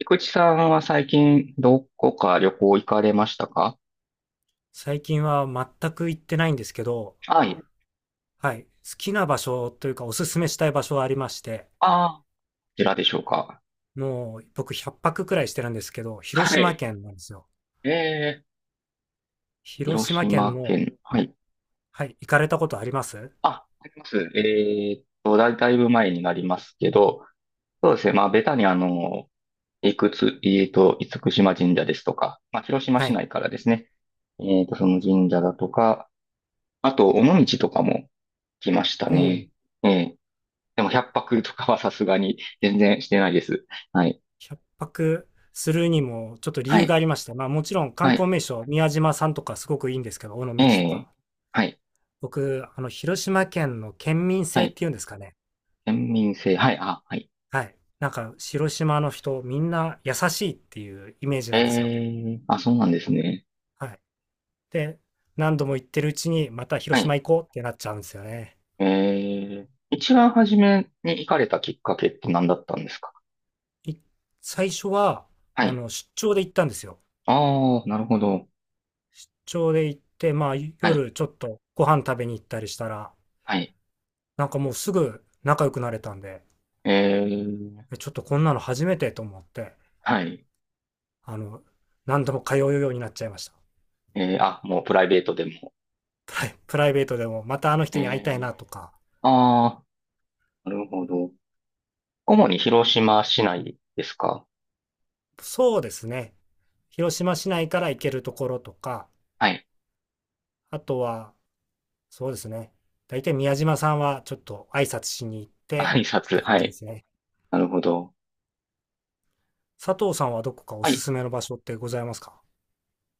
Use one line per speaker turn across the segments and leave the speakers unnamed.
菊池さんは最近どこか旅行行かれましたか？
最近は全く行ってないんですけど、
はい。
はい、好きな場所というかおすすめしたい場所はありまして、
ああ、こちらでしょうか。
もう僕100泊くらいしてるんですけど、広
は
島
い。
県なんですよ。
えー、
広
広
島県
島
の、
県。はい。
はい、行かれたことあります？
あ、あります。だいぶ前になりますけど、そうですね。まあ、ベタにいくつ、えーっと、厳島神社ですとか、まあ、広島
は
市
い。
内からですね。その神社だとか、あと、尾道とかも来ました
もう
ね。えー、でも、百泊とかはさすがに全然してないです。はい。
100泊するにもちょっと理
は
由が
い。
ありまして、まあもちろん観
はい。
光名所、宮島さんとかすごくいいんですけど、尾
え
道とか。
え、はい、
僕、広島県の県民
は
性っ
い、
ていうんですかね。
県民性、はい、あ、はい。
はい。なんか、広島の人、みんな優しいっていうイメージ
え
なんですよ。
え、あ、そうなんですね。
はい。で、何度も行ってるうちに、また
は
広島
い。
行こうってなっちゃうんですよね。
ええ、一番初めに行かれたきっかけって何だったんですか？
い最初は、
はい。
出張で行ったんですよ。
ああ、なるほど。
出張で行って、まあ、
はい、
夜ちょっとご飯食べに行ったりしたら、
はい。
なんかもうすぐ仲良くなれたんで、
ええ、
ちょっとこんなの初めてと思って、
はい。
あの、何度も通うようになっちゃいました。
ええ、あ、もうプライベートでも。
プライベートでも、またあの人
え
に会いたいな
え、
とか、
ああ、なるほど。主に広島市内ですか？
そうですね。広島市内から行けるところとか、
はい。
あとは、そうですね。大体宮島さんはちょっと挨拶しに行って
挨
っ
拶、
て感
は
じで
い。
すね。
なるほど。
佐藤さんはどこかお
は
す
い。
すめの場所ってございますか？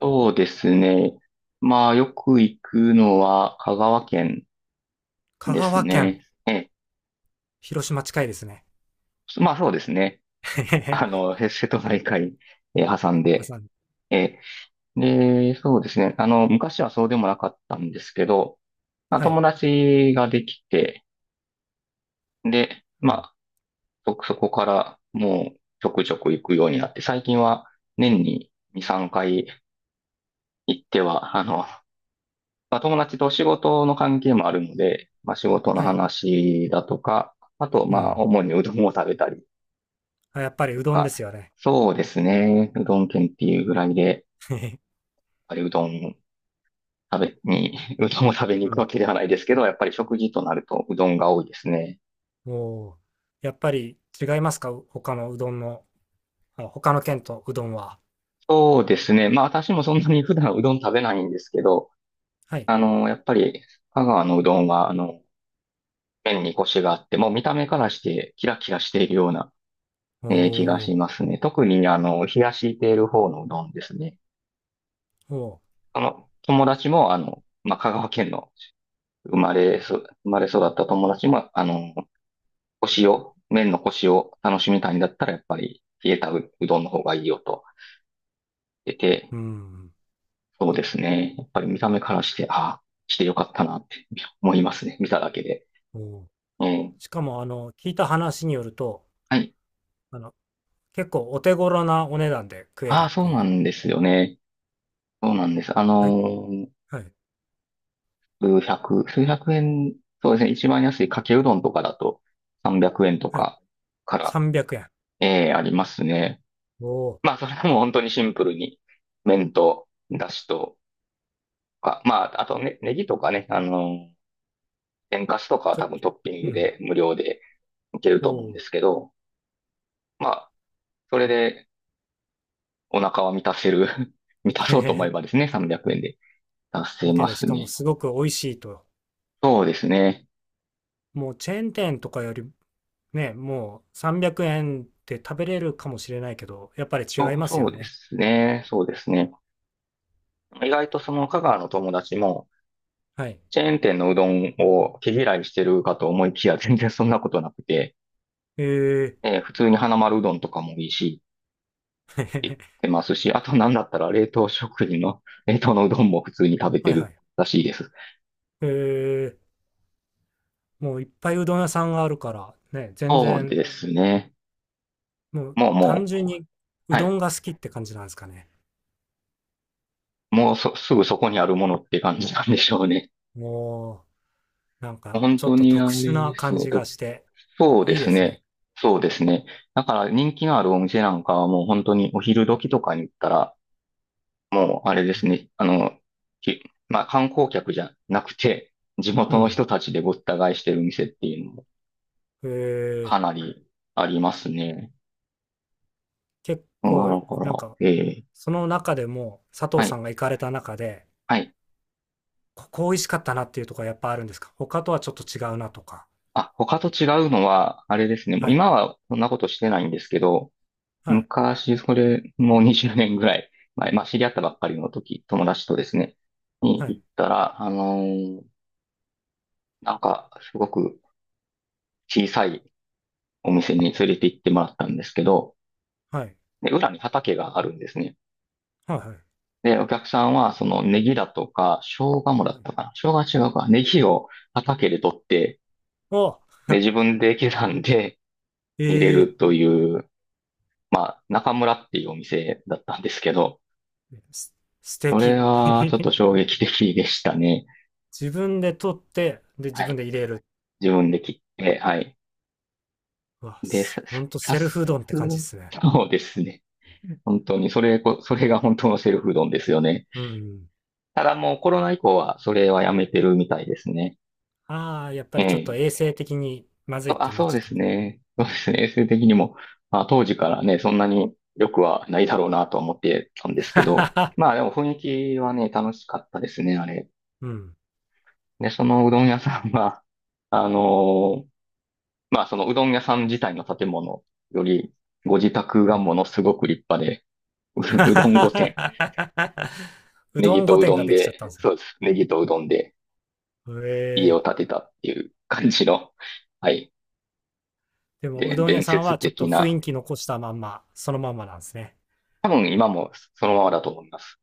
そうですね。まあ、よく行くのは香川県
香
です
川県、
ね。ええ、
広島近いですね。
まあそうですね。
へへへ。
瀬戸内海、挟んで、
挟んで、
ええ、で、そうですね。あの、昔はそうでもなかったんですけど、まあ、
はい。
友達ができて、で、
う
ま
ん。
あ、そこからもうちょくちょく行くようになって、最近は年に2、3回行っては、あの、まあ、友達と仕事の関係もあるので、まあ、仕事の
はい。
話だとか、あと、
う
まあ、
ん。
主にうどんを食べたり
あ、やっぱり
と
うどんで
か、
すよね。
そうですね。うどん県っていうぐらいで、やっ
へへ。
ぱりうどん食べに、うどんを食べに行
う
く
ん。
わけではないですけど、やっぱり食事となるとうどんが多いですね。
おお。やっぱり違いますか？他のうどんの、あ、他の県とうどんは。
そうですね。まあ、私もそんなに普段うどん食べないんですけど、
はい。
あの、やっぱり、香川のうどんは、あの、麺にコシがあって、もう見た目からしてキラキラしているような
お
気が
お。
しますね。特に、あの、冷やしている方のうどんですね。
おお。
あの、友達も、あの、まあ、香川県の生まれ育った友達も、あの、麺の腰を楽しみたいんだったら、やっぱり冷えたうどんの方がいいよと言ってて、
うん。
そうですね。やっぱり見た目からして、ああ、してよかったなって思いますね。見ただけで。
おお。
うん。
しかも、聞いた話によると、
はい。
あの、結構お手頃なお値段で食え
あ
るっ
あ、そ
て
う
い
な
う。
んですよね。そうなんです。
はい、はい、
数百円、そうですね、一番安いかけうどんとかだと300円と
はい。
かから、
300円。
ありますね。
おお、
まあ、それはもう本当にシンプルに、麺と、だしとか、まあ、あとね、ネギとかね、あの、天かすとかは
ちょっ
多
と
分トッピン
う
グ
ん、
で無料でいける
お
と思うんで
お。
すけど、まあ、それでお腹は満たせる 満た
へ
そうと
へ
思えばで
へ。
すね、300円で達せ
向け
ま
で、し
す
かも
ね。
すごく美味しいと。
そうですね。
もうチェーン店とかよりね、もう300円で食べれるかもしれないけど、やっぱり違います
そ
よ
うで
ね。
すね。そうですね。意外とその香川の友達も、
はい。
チェーン店のうどんを毛嫌いしてるかと思いきや、全然そんなことなくて、
ええ。
普通に花丸うどんとかもいいし、
へへへ。
出ますし、あとなんだったら冷凍食品の、冷凍のうどんも普通に食べ て
はいは
る
い。
らしいです。
へえ。もういっぱいうどん屋さんがあるから、ね、全
そう
然、
ですね。
もう
もう
単
も
純
う、
にう
は
ど
い。
んが好きって感じなんですかね。
もうそ、すぐそこにあるものって感じなんでしょうね。
おう、なんか、
本
ちょっ
当
と
にあ
特殊
れで
な
す
感
ね。
じがして、
そうで
いいで
す
すね。
ね。そうですね。だから人気のあるお店なんかはもう本当にお昼時とかに行ったら、もう、あれですね。あの、まあ、観光客じゃなくて、地
う
元の
ん。
人たちでごった返してる店っていうのも
えー、
かなりありますね。
結
だ
構、
か
なん
ら、
か、
ええ、
その中でも、佐
は
藤
い、
さんが行かれた中で、
はい。
ここ美味しかったなっていうところはやっぱあるんですか？他とはちょっと違うなとか。
あ、他と違うのは、あれですね。もう
はい、
今はそんなことしてないんですけど、
はい、
昔、それ、もう20年ぐらい前、まあ、知り合ったばっかりの時、友達とですね、に
は
行
い、
ったら、なんか、すごく小さいお店に連れて行ってもらったんですけど、
はい、
で、裏に畑があるんですね。
はい、はい。
で、お客さんは、そのネギだとか、生姜もだ
は
っ
い。
たかな。生姜は違うか。ネギを畑で取って、
お、
で、自分で刻んで入れる
ええ
という、中村っていうお店だったんですけど、
ーす素
それ
敵。
はちょっと 衝撃的でしたね。
自分で取って、で、自
は
分
い。
で入れる。
自分で切って、はい。
うわ、
で、さ、
ほんと
さ、さ
セルフ
す、
うどんって感じですね。
そうですね。本当に、それが本当のセルフうどんですよね。
うん。
ただもうコロナ以降は、それはやめてるみたいですね。
ああ、やっぱ
え
りちょっと
え。
衛生的にまずいってなっ
そう
ちゃ
で
った。
すね。そうですね。衛生的にも、まあ、当時からね、そんなに良くはないだろうなとは思ってたんですけど、まあ でも雰囲気はね、楽しかったですね、あれ。
うん。う
で、そのうどん屋さんは、あのーまあそのうどん屋さん自体の建物より、ご自宅
ん。
がものすごく立派で、
は
うど
は
ん御殿、
は。はう
ネ
ど
ギ
ん御
とう
殿
ど
が
ん
できちゃっ
で、
たんですね。
そうです。ネギとうどんで
へ
家を
え。
建てたっていう感じの、はい。
でも、う
で、
どん屋
伝
さん
説
はちょっと
的
雰
な、
囲気残したまんま、そのまんまなんですね。
多分今もそのままだと思います。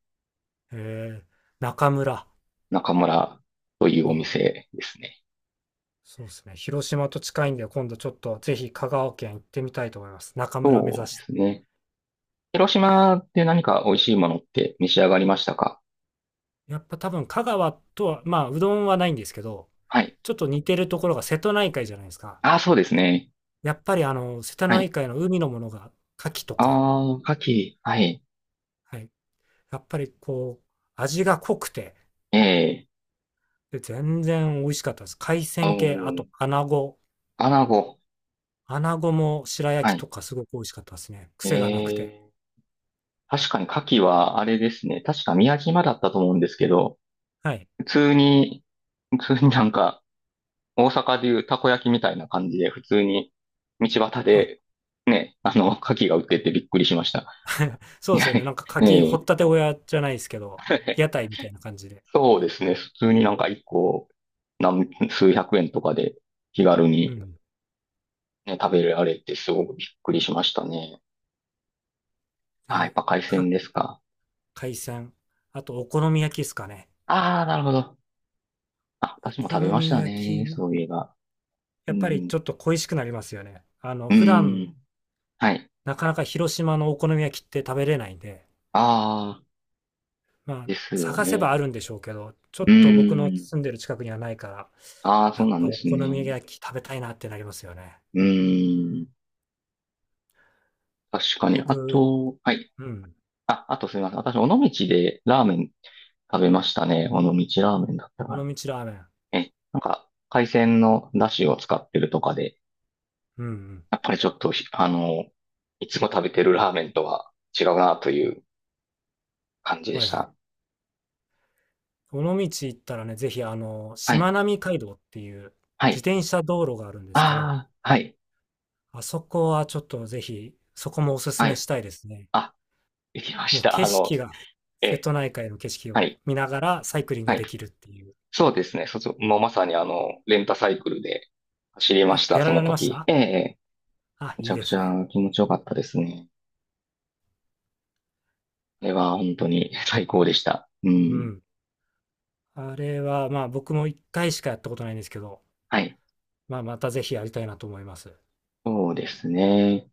へえ。中村。
中村というお
あ、
店ですね。
そうですね。広島と近いんで、今度ちょっとぜひ香川県行ってみたいと思います。中村目
そう
指
で
して。
すね。広島で何か美味しいものって召し上がりましたか？
やっぱ多分香川とは、まあ、うどんはないんですけど、
はい。
ちょっと似てるところが瀬戸内海じゃないですか。
ああ、そうですね。
やっぱり瀬戸
は
内
い。
海の海のものが、牡蠣と
あ
か、
あ、牡蠣。はい。
はい、やっぱりこう、味が濃くて、
ええ。
で、全然美味しかったです。海
お
鮮系、あと
ー、
穴子。
穴子。
穴子も白
は
焼き
い。
とかすごく美味しかったですね。癖がなくて。
ええ。確かに牡蠣はあれですね。確か宮島だったと思うんですけど、
はい。
普通に、普通になんか、大阪でいうたこ焼きみたいな感じで、普通に道端
あ、
で、ね、あの、牡蠣が売っててびっくりしました。
そ
い
うで
や、
すよね。なんか
え
牡蠣、掘っ
え、
たて小屋じゃないですけど、屋 台みたいな感じで。
そうですね。普通になんか一個何、数百円とかで気軽
う
に
ん。
ね、食べられてすごくびっくりしましたね。あ、やっ
で、
ぱ海
か、
鮮ですか。
海鮮。あと、お好み焼きですかね。
ああ、なるほど。あ、
お
私も
好
食べまし
み
た
焼
ね。
き、
そういえば。う
やっぱり
ん。
ちょっと恋しくなりますよね。
う
普段、
ん。はい。
なかなか広島のお好み焼きって食べれないんで、
ああ、
まあ、
ですよ
探せ
ね。
ばあるんでしょうけど、ちょ
う
っと僕の
ん。
住んでる近くにはないから、
ああ、そ
や
う
っ
なん
ぱ
で
お
す
好
ね。
み焼き食べたいなってなりますよね。
うん。確かに。あ
僕、
と、はい。
うん、
あ、あとすみません。私、尾道でラーメン食べましたね。尾道ラーメンだったか
尾
な。
道ラーメン。
え、なんか、海鮮の出汁を使ってるとかで、
うんうん。
やっぱりちょっと、あの、いつも食べてるラーメンとは違うなという感じで
は
し
いはい。
た。
尾道行ったらね、ぜひ
は
し
い。
まなみ海道っていう
は
自
い。
転車道路があるんですけど、
ああ、はい。
あそこはちょっとぜひ、そこもおすす
は
め
い。
したいですね。
あ、できま
も
し
う
た。
景
あ
色
の、
が、瀬
え、
戸内海の景色
は
を
い。
見ながらサイクリン
は
グ
い。
できるっていう。
そうですね。もうまさにあの、レンタサイクルで走りま
あ、
した、
や
その
られまし
時。
た？
ええ、ええ、
あ、
めち
いい
ゃ
で
くち
す
ゃ
ね。
気持ちよかったですね。あれは本当に最高でした。う
う
ん。
ん。あれは、まあ、僕も1回しかやったことないんですけど、
はい。
まあ、またぜひやりたいなと思います。
そうですね。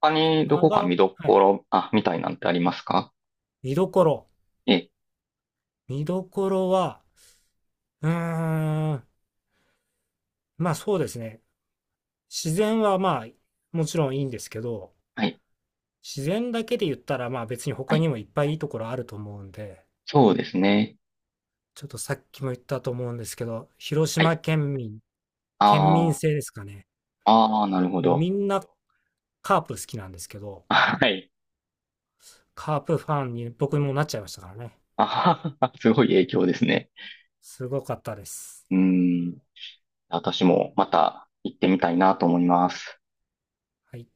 他にど
香
こか
川、は
見ど
い。
ころ、あ、みたいなんてありますか？
見どころ。
ええ、
見どころは、うーん、まあそうですね。自然はまあ、もちろんいいんですけど、
はい、
自然だけで言ったら、まあ別に
は
他
い、
にもいっぱいいいところあると思うんで、
そうですね。
ちょっとさっきも言ったと思うんですけど、広
は
島
い。
県民、県民性
あ
ですかね。
あ、ああ、なるほ
もう
ど。
みんなカープ好きなんですけど、
あ、はい。
カープファンに僕もなっちゃいましたからね。
ああ、すごい影響ですね。
すごかったです。
うーん、私もまた行ってみたいなと思います。
はい。